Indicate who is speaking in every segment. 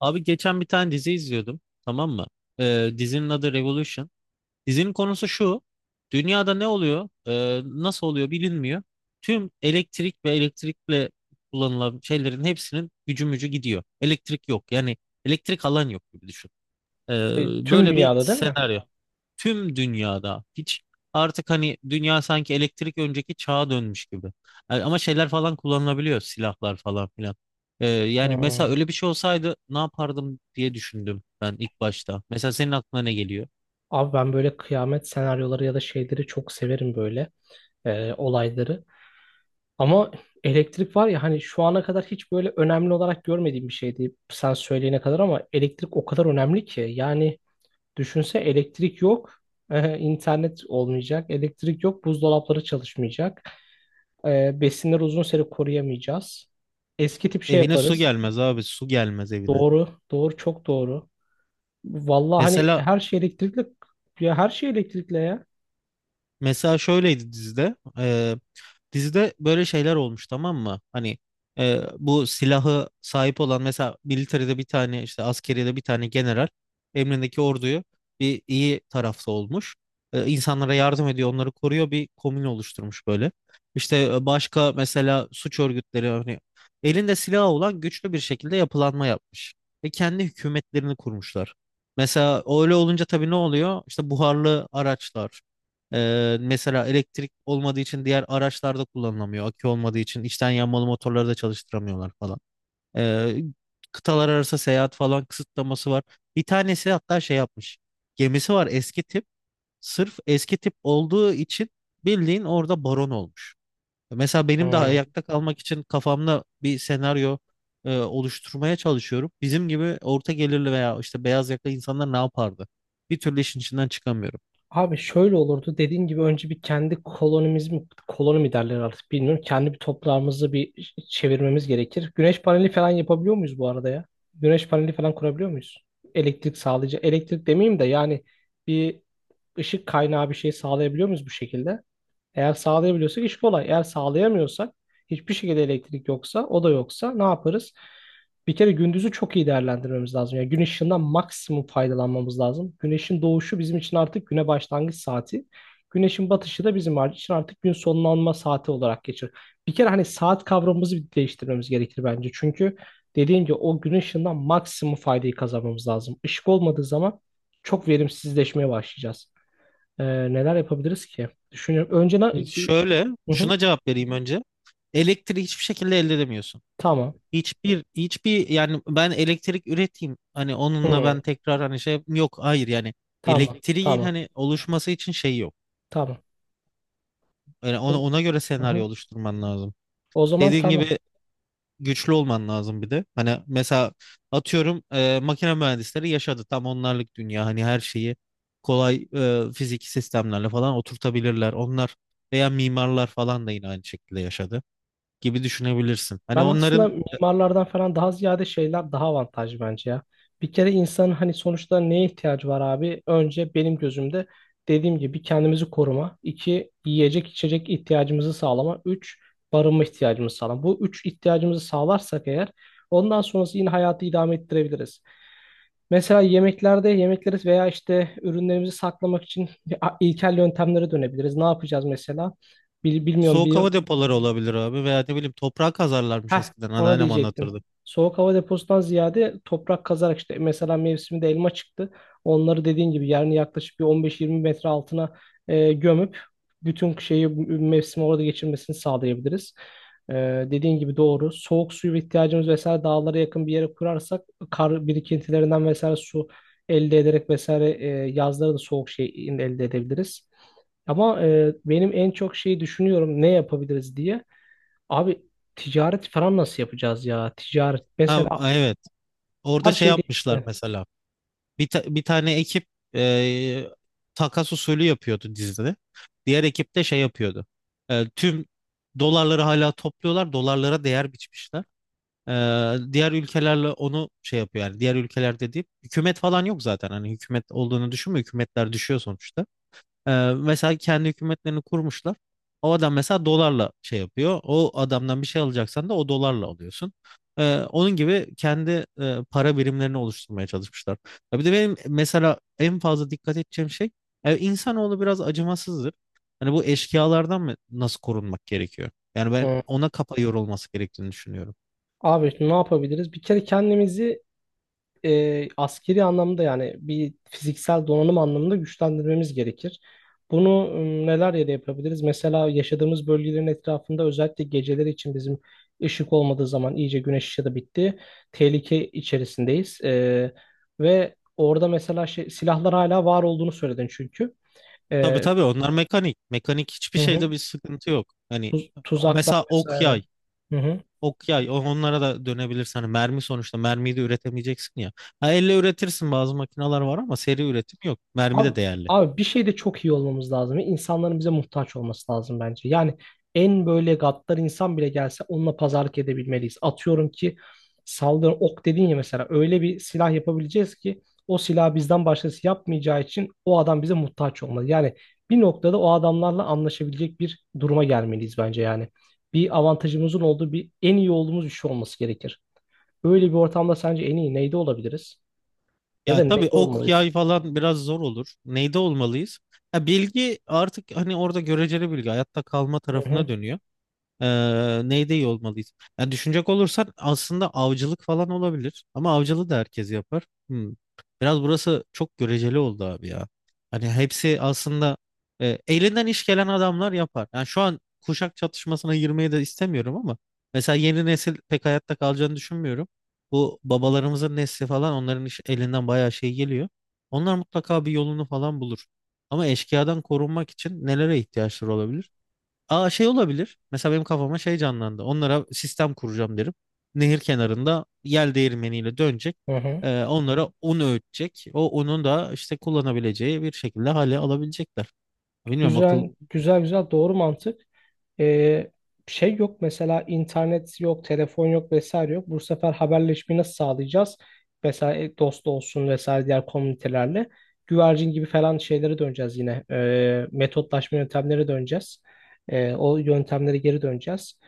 Speaker 1: Abi geçen bir tane dizi izliyordum. Tamam mı? Dizinin adı Revolution. Dizinin konusu şu. Dünyada ne oluyor? Nasıl oluyor bilinmiyor. Tüm elektrik ve elektrikle kullanılan şeylerin hepsinin gücü mücü gidiyor. Elektrik yok. Yani elektrik alan yok gibi düşün. Ee,
Speaker 2: Tüm
Speaker 1: Böyle bir
Speaker 2: dünyada değil mi?
Speaker 1: senaryo tüm dünyada hiç, artık hani dünya sanki elektrik önceki çağa dönmüş gibi. Yani ama şeyler falan kullanılabiliyor, silahlar falan filan. Yani mesela
Speaker 2: Ha.
Speaker 1: öyle bir şey olsaydı ne yapardım diye düşündüm ben ilk başta. Mesela senin aklına ne geliyor?
Speaker 2: Abi ben böyle kıyamet senaryoları ya da şeyleri çok severim böyle olayları. Ama elektrik var ya, hani şu ana kadar hiç böyle önemli olarak görmediğim bir şeydi sen söyleyene kadar, ama elektrik o kadar önemli ki. Yani düşünse elektrik yok, internet olmayacak, elektrik yok, buzdolapları çalışmayacak, besinleri uzun süre koruyamayacağız. Eski tip şey
Speaker 1: Evine su
Speaker 2: yaparız.
Speaker 1: gelmez abi, su gelmez evine.
Speaker 2: Doğru, doğru, çok doğru. Vallahi hani
Speaker 1: Mesela
Speaker 2: her şey elektrikli, ya her şey elektrikli ya.
Speaker 1: mesela şöyleydi dizide. Dizide böyle şeyler olmuş, tamam mı? Hani bu silahı sahip olan, mesela militeride bir tane, işte askeriyede bir tane general emrindeki orduyu, bir iyi tarafta olmuş. İnsanlara yardım ediyor, onları koruyor, bir komün oluşturmuş böyle. İşte başka mesela suç örgütleri, hani elinde silahı olan güçlü bir şekilde yapılanma yapmış ve kendi hükümetlerini kurmuşlar. Mesela öyle olunca tabii ne oluyor? İşte buharlı araçlar, mesela elektrik olmadığı için diğer araçlarda kullanılamıyor. Akü olmadığı için içten yanmalı motorları da çalıştıramıyorlar falan. Ee, Kıtalar arası seyahat falan kısıtlaması var. Bir tanesi hatta şey yapmış. Gemisi var, eski tip. Sırf eski tip olduğu için bildiğin orada baron olmuş. Mesela benim de
Speaker 2: Hmm.
Speaker 1: ayakta kalmak için kafamda bir senaryo oluşturmaya çalışıyorum. Bizim gibi orta gelirli veya işte beyaz yakalı insanlar ne yapardı? Bir türlü işin içinden çıkamıyorum.
Speaker 2: Abi şöyle olurdu, dediğin gibi önce bir kendi kolonimiz mi, koloni mi derler artık bilmiyorum. Kendi bir toprağımızı bir çevirmemiz gerekir. Güneş paneli falan yapabiliyor muyuz bu arada ya? Güneş paneli falan kurabiliyor muyuz? Elektrik sağlayıcı, elektrik demeyeyim de yani bir ışık kaynağı bir şey sağlayabiliyor muyuz bu şekilde? Eğer sağlayabiliyorsak iş kolay. Eğer sağlayamıyorsak, hiçbir şekilde elektrik yoksa, o da yoksa ne yaparız? Bir kere gündüzü çok iyi değerlendirmemiz lazım. Yani güneş ışığından maksimum faydalanmamız lazım. Güneşin doğuşu bizim için artık güne başlangıç saati. Güneşin batışı da bizim için artık gün sonlanma saati olarak geçer. Bir kere hani saat kavramımızı bir değiştirmemiz gerekir bence. Çünkü dediğim gibi o gün ışığından maksimum faydayı kazanmamız lazım. Işık olmadığı zaman çok verimsizleşmeye başlayacağız. Neler yapabiliriz ki? Düşünüyorum.
Speaker 1: Şöyle,
Speaker 2: Hı hı.
Speaker 1: şuna cevap vereyim önce. Elektriği hiçbir şekilde elde edemiyorsun.
Speaker 2: Tamam.
Speaker 1: Hiçbir yani, ben elektrik üreteyim, hani onunla ben
Speaker 2: Hı.
Speaker 1: tekrar, hani şey yok. Hayır, yani
Speaker 2: Tamam.
Speaker 1: elektriğin
Speaker 2: Tamam.
Speaker 1: hani oluşması için şey yok.
Speaker 2: Tamam.
Speaker 1: Yani ona,
Speaker 2: O,
Speaker 1: ona göre
Speaker 2: hı
Speaker 1: senaryo
Speaker 2: hı.
Speaker 1: oluşturman lazım.
Speaker 2: O zaman
Speaker 1: Dediğin
Speaker 2: tamam.
Speaker 1: gibi güçlü olman lazım bir de. Hani mesela atıyorum makine mühendisleri yaşadı. Tam onlarlık dünya. Hani her şeyi kolay fiziki sistemlerle falan oturtabilirler. Onlar veya mimarlar falan da yine aynı şekilde yaşadı gibi düşünebilirsin. Hani
Speaker 2: Ben aslında
Speaker 1: onların
Speaker 2: mimarlardan falan daha ziyade şeyler daha avantajlı bence ya. Bir kere insanın hani sonuçta neye ihtiyacı var abi? Önce benim gözümde dediğim gibi kendimizi koruma. İki, yiyecek içecek ihtiyacımızı sağlama. Üç, barınma ihtiyacımızı sağlama. Bu üç ihtiyacımızı sağlarsak eğer ondan sonrası yine hayatı idame ettirebiliriz. Mesela yemeklerde yemekleri veya işte ürünlerimizi saklamak için ilkel yöntemlere dönebiliriz. Ne yapacağız mesela? Bilmiyorum
Speaker 1: soğuk
Speaker 2: bir
Speaker 1: hava depoları olabilir abi, veya ne bileyim toprağa kazarlarmış
Speaker 2: Heh,
Speaker 1: eskiden,
Speaker 2: ona
Speaker 1: anneannem
Speaker 2: diyecektim.
Speaker 1: anlatırdı.
Speaker 2: Soğuk hava deposundan ziyade toprak kazarak işte mesela mevsiminde elma çıktı. Onları dediğin gibi yerini yaklaşık bir 15-20 metre altına gömüp bütün şeyi mevsimi orada geçirmesini sağlayabiliriz. E, Dediğin gibi doğru. Soğuk suyu ihtiyacımız vesaire, dağlara yakın bir yere kurarsak kar birikintilerinden vesaire su elde ederek vesaire yazları da soğuk şey elde edebiliriz. Ama benim en çok şeyi düşünüyorum ne yapabiliriz diye. Abi ticaret falan nasıl yapacağız ya? Ticaret
Speaker 1: Ha,
Speaker 2: mesela
Speaker 1: evet, orada
Speaker 2: her
Speaker 1: şey
Speaker 2: şey
Speaker 1: yapmışlar
Speaker 2: değişti.
Speaker 1: mesela. Bir tane ekip e, takas usulü yapıyordu dizide. Diğer ekip de şey yapıyordu. Tüm dolarları hala topluyorlar, dolarlara değer biçmişler. E, Diğer ülkelerle onu şey yapıyor. Yani diğer ülkeler dediğim, hükümet falan yok zaten, hani hükümet olduğunu düşünme, hükümetler düşüyor sonuçta. Ee, Mesela kendi hükümetlerini kurmuşlar. O adam mesela dolarla şey yapıyor. O adamdan bir şey alacaksan da o dolarla alıyorsun. Onun gibi kendi para birimlerini oluşturmaya çalışmışlar. Ya bir de benim mesela en fazla dikkat edeceğim şey, yani insanoğlu biraz acımasızdır. Hani bu eşkıyalardan mı, nasıl korunmak gerekiyor? Yani ben
Speaker 2: Hı.
Speaker 1: ona kafa yorulması gerektiğini düşünüyorum.
Speaker 2: Abi ne yapabiliriz? Bir kere kendimizi askeri anlamda, yani bir fiziksel donanım anlamında güçlendirmemiz gerekir. Bunu neler yere yapabiliriz? Mesela yaşadığımız bölgelerin etrafında, özellikle geceleri için bizim ışık olmadığı zaman, iyice güneş ışığı da bitti. Tehlike içerisindeyiz. Ve orada mesela şey, silahlar hala var olduğunu söyledin çünkü.
Speaker 1: Tabii
Speaker 2: E,
Speaker 1: tabii, onlar mekanik. Mekanik hiçbir
Speaker 2: hı hı.
Speaker 1: şeyde bir sıkıntı yok. Hani
Speaker 2: Tuzaklar
Speaker 1: mesela ok
Speaker 2: vesaire.
Speaker 1: yay.
Speaker 2: Hı hı.
Speaker 1: Ok yay, onlara da dönebilirsin. Hani mermi, sonuçta mermiyi de üretemeyeceksin ya. Ha, elle üretirsin, bazı makineler var, ama seri üretim yok. Mermi de değerli.
Speaker 2: Abi bir şeyde çok iyi olmamız lazım. Ve İnsanların bize muhtaç olması lazım bence. Yani en böyle gaddar insan bile gelse onunla pazarlık edebilmeliyiz. Atıyorum ki, saldırı ok dedin ya, mesela öyle bir silah yapabileceğiz ki o silahı bizden başkası yapmayacağı için o adam bize muhtaç olmalı. Yani bir noktada o adamlarla anlaşabilecek bir duruma gelmeliyiz bence yani. Bir avantajımızın olduğu, bir en iyi olduğumuz bir şey olması gerekir. Öyle bir ortamda sence en iyi neyde olabiliriz? Ya
Speaker 1: Ya
Speaker 2: da neli
Speaker 1: tabii ok
Speaker 2: olmalıyız.
Speaker 1: yay falan biraz zor olur. Neyde olmalıyız? Ya bilgi, artık hani orada göreceli bilgi hayatta kalma
Speaker 2: Hı
Speaker 1: tarafına
Speaker 2: hı,
Speaker 1: dönüyor. Neyde iyi olmalıyız? Yani düşünecek olursan aslında avcılık falan olabilir. Ama avcılığı da herkes yapar. Hmm. Biraz burası çok göreceli oldu abi ya. Hani hepsi aslında elinden iş gelen adamlar yapar. Yani şu an kuşak çatışmasına girmeyi de istemiyorum, ama mesela yeni nesil pek hayatta kalacağını düşünmüyorum. Bu babalarımızın nesli falan, onların iş, elinden bayağı şey geliyor. Onlar mutlaka bir yolunu falan bulur. Ama eşkıyadan korunmak için nelere ihtiyaçları olabilir? Aa, şey olabilir. Mesela benim kafama şey canlandı. Onlara sistem kuracağım derim. Nehir kenarında yel değirmeniyle dönecek.
Speaker 2: hı hı.
Speaker 1: Onlara un öğütecek. O unun da işte kullanabileceği bir şekilde hale alabilecekler. Bilmiyorum, akıl
Speaker 2: Güzel, güzel, güzel. Doğru mantık. Ee, şey yok mesela, internet yok, telefon yok vesaire yok. Bu sefer haberleşmeyi nasıl sağlayacağız? Mesela dost olsun vesaire diğer komünitelerle. Güvercin gibi falan şeylere döneceğiz yine. Metotlaşma yöntemlere döneceğiz. O yöntemlere geri döneceğiz.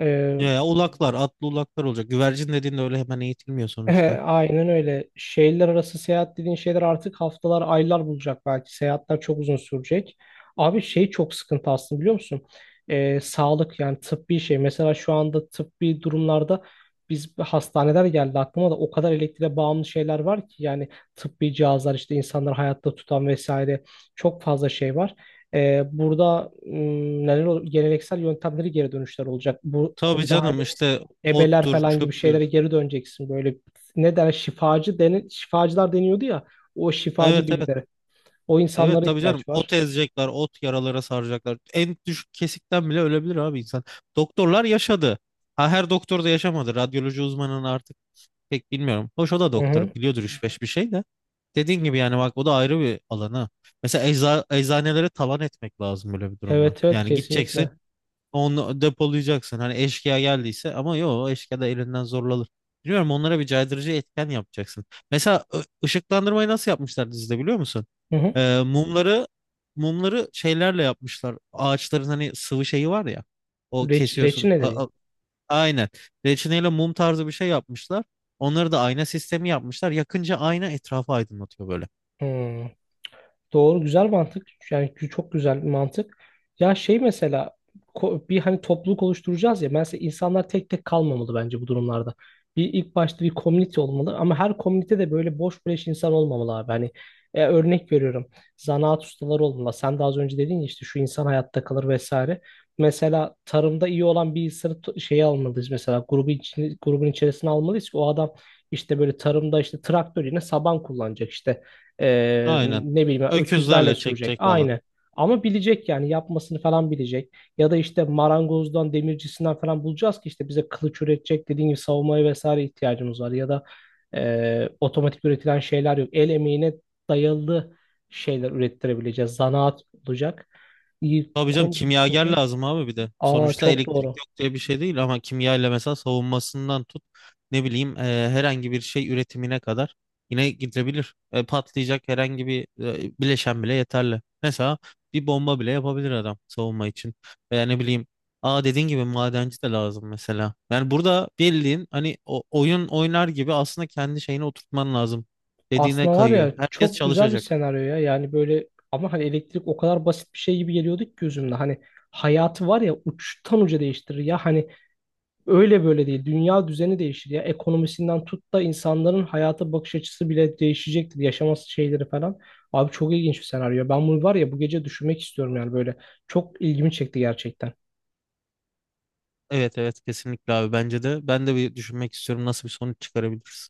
Speaker 2: Ee,
Speaker 1: ya, ya ulaklar, atlı ulaklar olacak. Güvercin dediğin de öyle hemen eğitilmiyor sonuçta.
Speaker 2: aynen öyle. Şehirler arası seyahat dediğin şeyler artık haftalar, aylar bulacak belki. Seyahatler çok uzun sürecek. Abi şey çok sıkıntı aslında, biliyor musun? Sağlık, yani tıbbi şey. Mesela şu anda tıbbi durumlarda biz, hastaneler geldi aklıma da, o kadar elektriğe bağımlı şeyler var ki yani, tıbbi cihazlar işte insanları hayatta tutan vesaire, çok fazla şey var. Burada neler olur? Geleneksel yöntemleri geri dönüşler olacak. Bu
Speaker 1: Tabii
Speaker 2: konuda hala
Speaker 1: canım, işte
Speaker 2: ebeler
Speaker 1: ottur,
Speaker 2: falan gibi
Speaker 1: çöptür.
Speaker 2: şeylere geri döneceksin. Böyle ne der, şifacılar deniyordu ya, o şifacı
Speaker 1: Evet, evet.
Speaker 2: bilgileri. O
Speaker 1: Evet,
Speaker 2: insanlara
Speaker 1: tabii canım.
Speaker 2: ihtiyaç var.
Speaker 1: Ot ezecekler, ot yaralara saracaklar. En düşük kesikten bile ölebilir abi insan. Doktorlar yaşadı. Ha, her doktor da yaşamadı. Radyoloji uzmanını artık pek bilmiyorum. Hoş, o da
Speaker 2: Hı hı.
Speaker 1: doktor, biliyordur üç beş bir şey de. Dediğin gibi, yani bak, o da ayrı bir alanı. Mesela eczanelere talan etmek lazım böyle bir durumda.
Speaker 2: Evet evet,
Speaker 1: Yani gideceksin,
Speaker 2: kesinlikle.
Speaker 1: onu depolayacaksın. Hani eşkıya geldiyse ama, yok eşkıya da elinden zorlanır. Biliyorum, onlara bir caydırıcı etken yapacaksın. Mesela ışıklandırmayı nasıl yapmışlar dizide biliyor musun?
Speaker 2: Hı hı.
Speaker 1: Ee, mumları mumları şeylerle yapmışlar. Ağaçların hani sıvı şeyi var ya. O kesiyorsun.
Speaker 2: Reçineleri.
Speaker 1: Aynen. Reçineyle mum tarzı bir şey yapmışlar. Onları da ayna sistemi yapmışlar. Yakınca ayna etrafı aydınlatıyor böyle.
Speaker 2: Hı. Doğru, güzel mantık. Yani çok güzel bir mantık. Ya şey mesela, bir hani topluluk oluşturacağız ya. Mesela insanlar tek tek kalmamalı bence bu durumlarda. Bir ilk başta bir komünite olmalı ama her komünite de böyle boş beleş insan olmamalı abi. Hani örnek veriyorum. Zanaat ustaları olmalı. Sen de az önce dedin ya, işte şu insan hayatta kalır vesaire. Mesela tarımda iyi olan bir insanı şeye almalıyız mesela, grubu için, grubun içerisine almalıyız ki o adam işte böyle tarımda işte traktör yerine saban kullanacak, işte
Speaker 1: Aynen.
Speaker 2: ne bileyim öküzlerle
Speaker 1: Öküzlerle
Speaker 2: sürecek.
Speaker 1: çekecek falan.
Speaker 2: Aynı. Ama bilecek yani, yapmasını falan bilecek. Ya da işte marangozdan, demircisinden falan bulacağız ki işte bize kılıç üretecek, dediğim gibi savunmaya vesaire ihtiyacımız var. Ya da otomatik üretilen şeyler yok. El emeğine dayalı şeyler ürettirebileceğiz. Zanaat olacak. İyi,
Speaker 1: Tabii canım,
Speaker 2: kon- Hı
Speaker 1: kimyager
Speaker 2: hı.
Speaker 1: lazım abi bir de.
Speaker 2: Aa,
Speaker 1: Sonuçta
Speaker 2: çok
Speaker 1: elektrik
Speaker 2: doğru.
Speaker 1: yok diye bir şey değil, ama kimya ile mesela savunmasından tut, ne bileyim herhangi bir şey üretimine kadar yine gidebilir. Patlayacak herhangi bir bileşen bile yeterli. Mesela bir bomba bile yapabilir adam, savunma için. Veya ne bileyim, aa, dediğin gibi madenci de lazım mesela. Yani burada bildiğin hani, oyun oynar gibi aslında kendi şeyini oturtman lazım. Dediğine
Speaker 2: Aslında var
Speaker 1: kayıyor.
Speaker 2: ya,
Speaker 1: Herkes
Speaker 2: çok güzel bir
Speaker 1: çalışacak.
Speaker 2: senaryo ya. Yani böyle, ama hani elektrik o kadar basit bir şey gibi geliyordu ki gözümde. Hani hayatı var ya, uçtan uca değiştirir ya. Hani öyle böyle değil. Dünya düzeni değişir ya. Ekonomisinden tut da insanların hayata bakış açısı bile değişecektir. Yaşaması şeyleri falan. Abi çok ilginç bir senaryo. Ben bunu var ya bu gece düşünmek istiyorum yani böyle. Çok ilgimi çekti gerçekten.
Speaker 1: Evet, evet, kesinlikle abi, bence de. Ben de bir düşünmek istiyorum, nasıl bir sonuç çıkarabiliriz.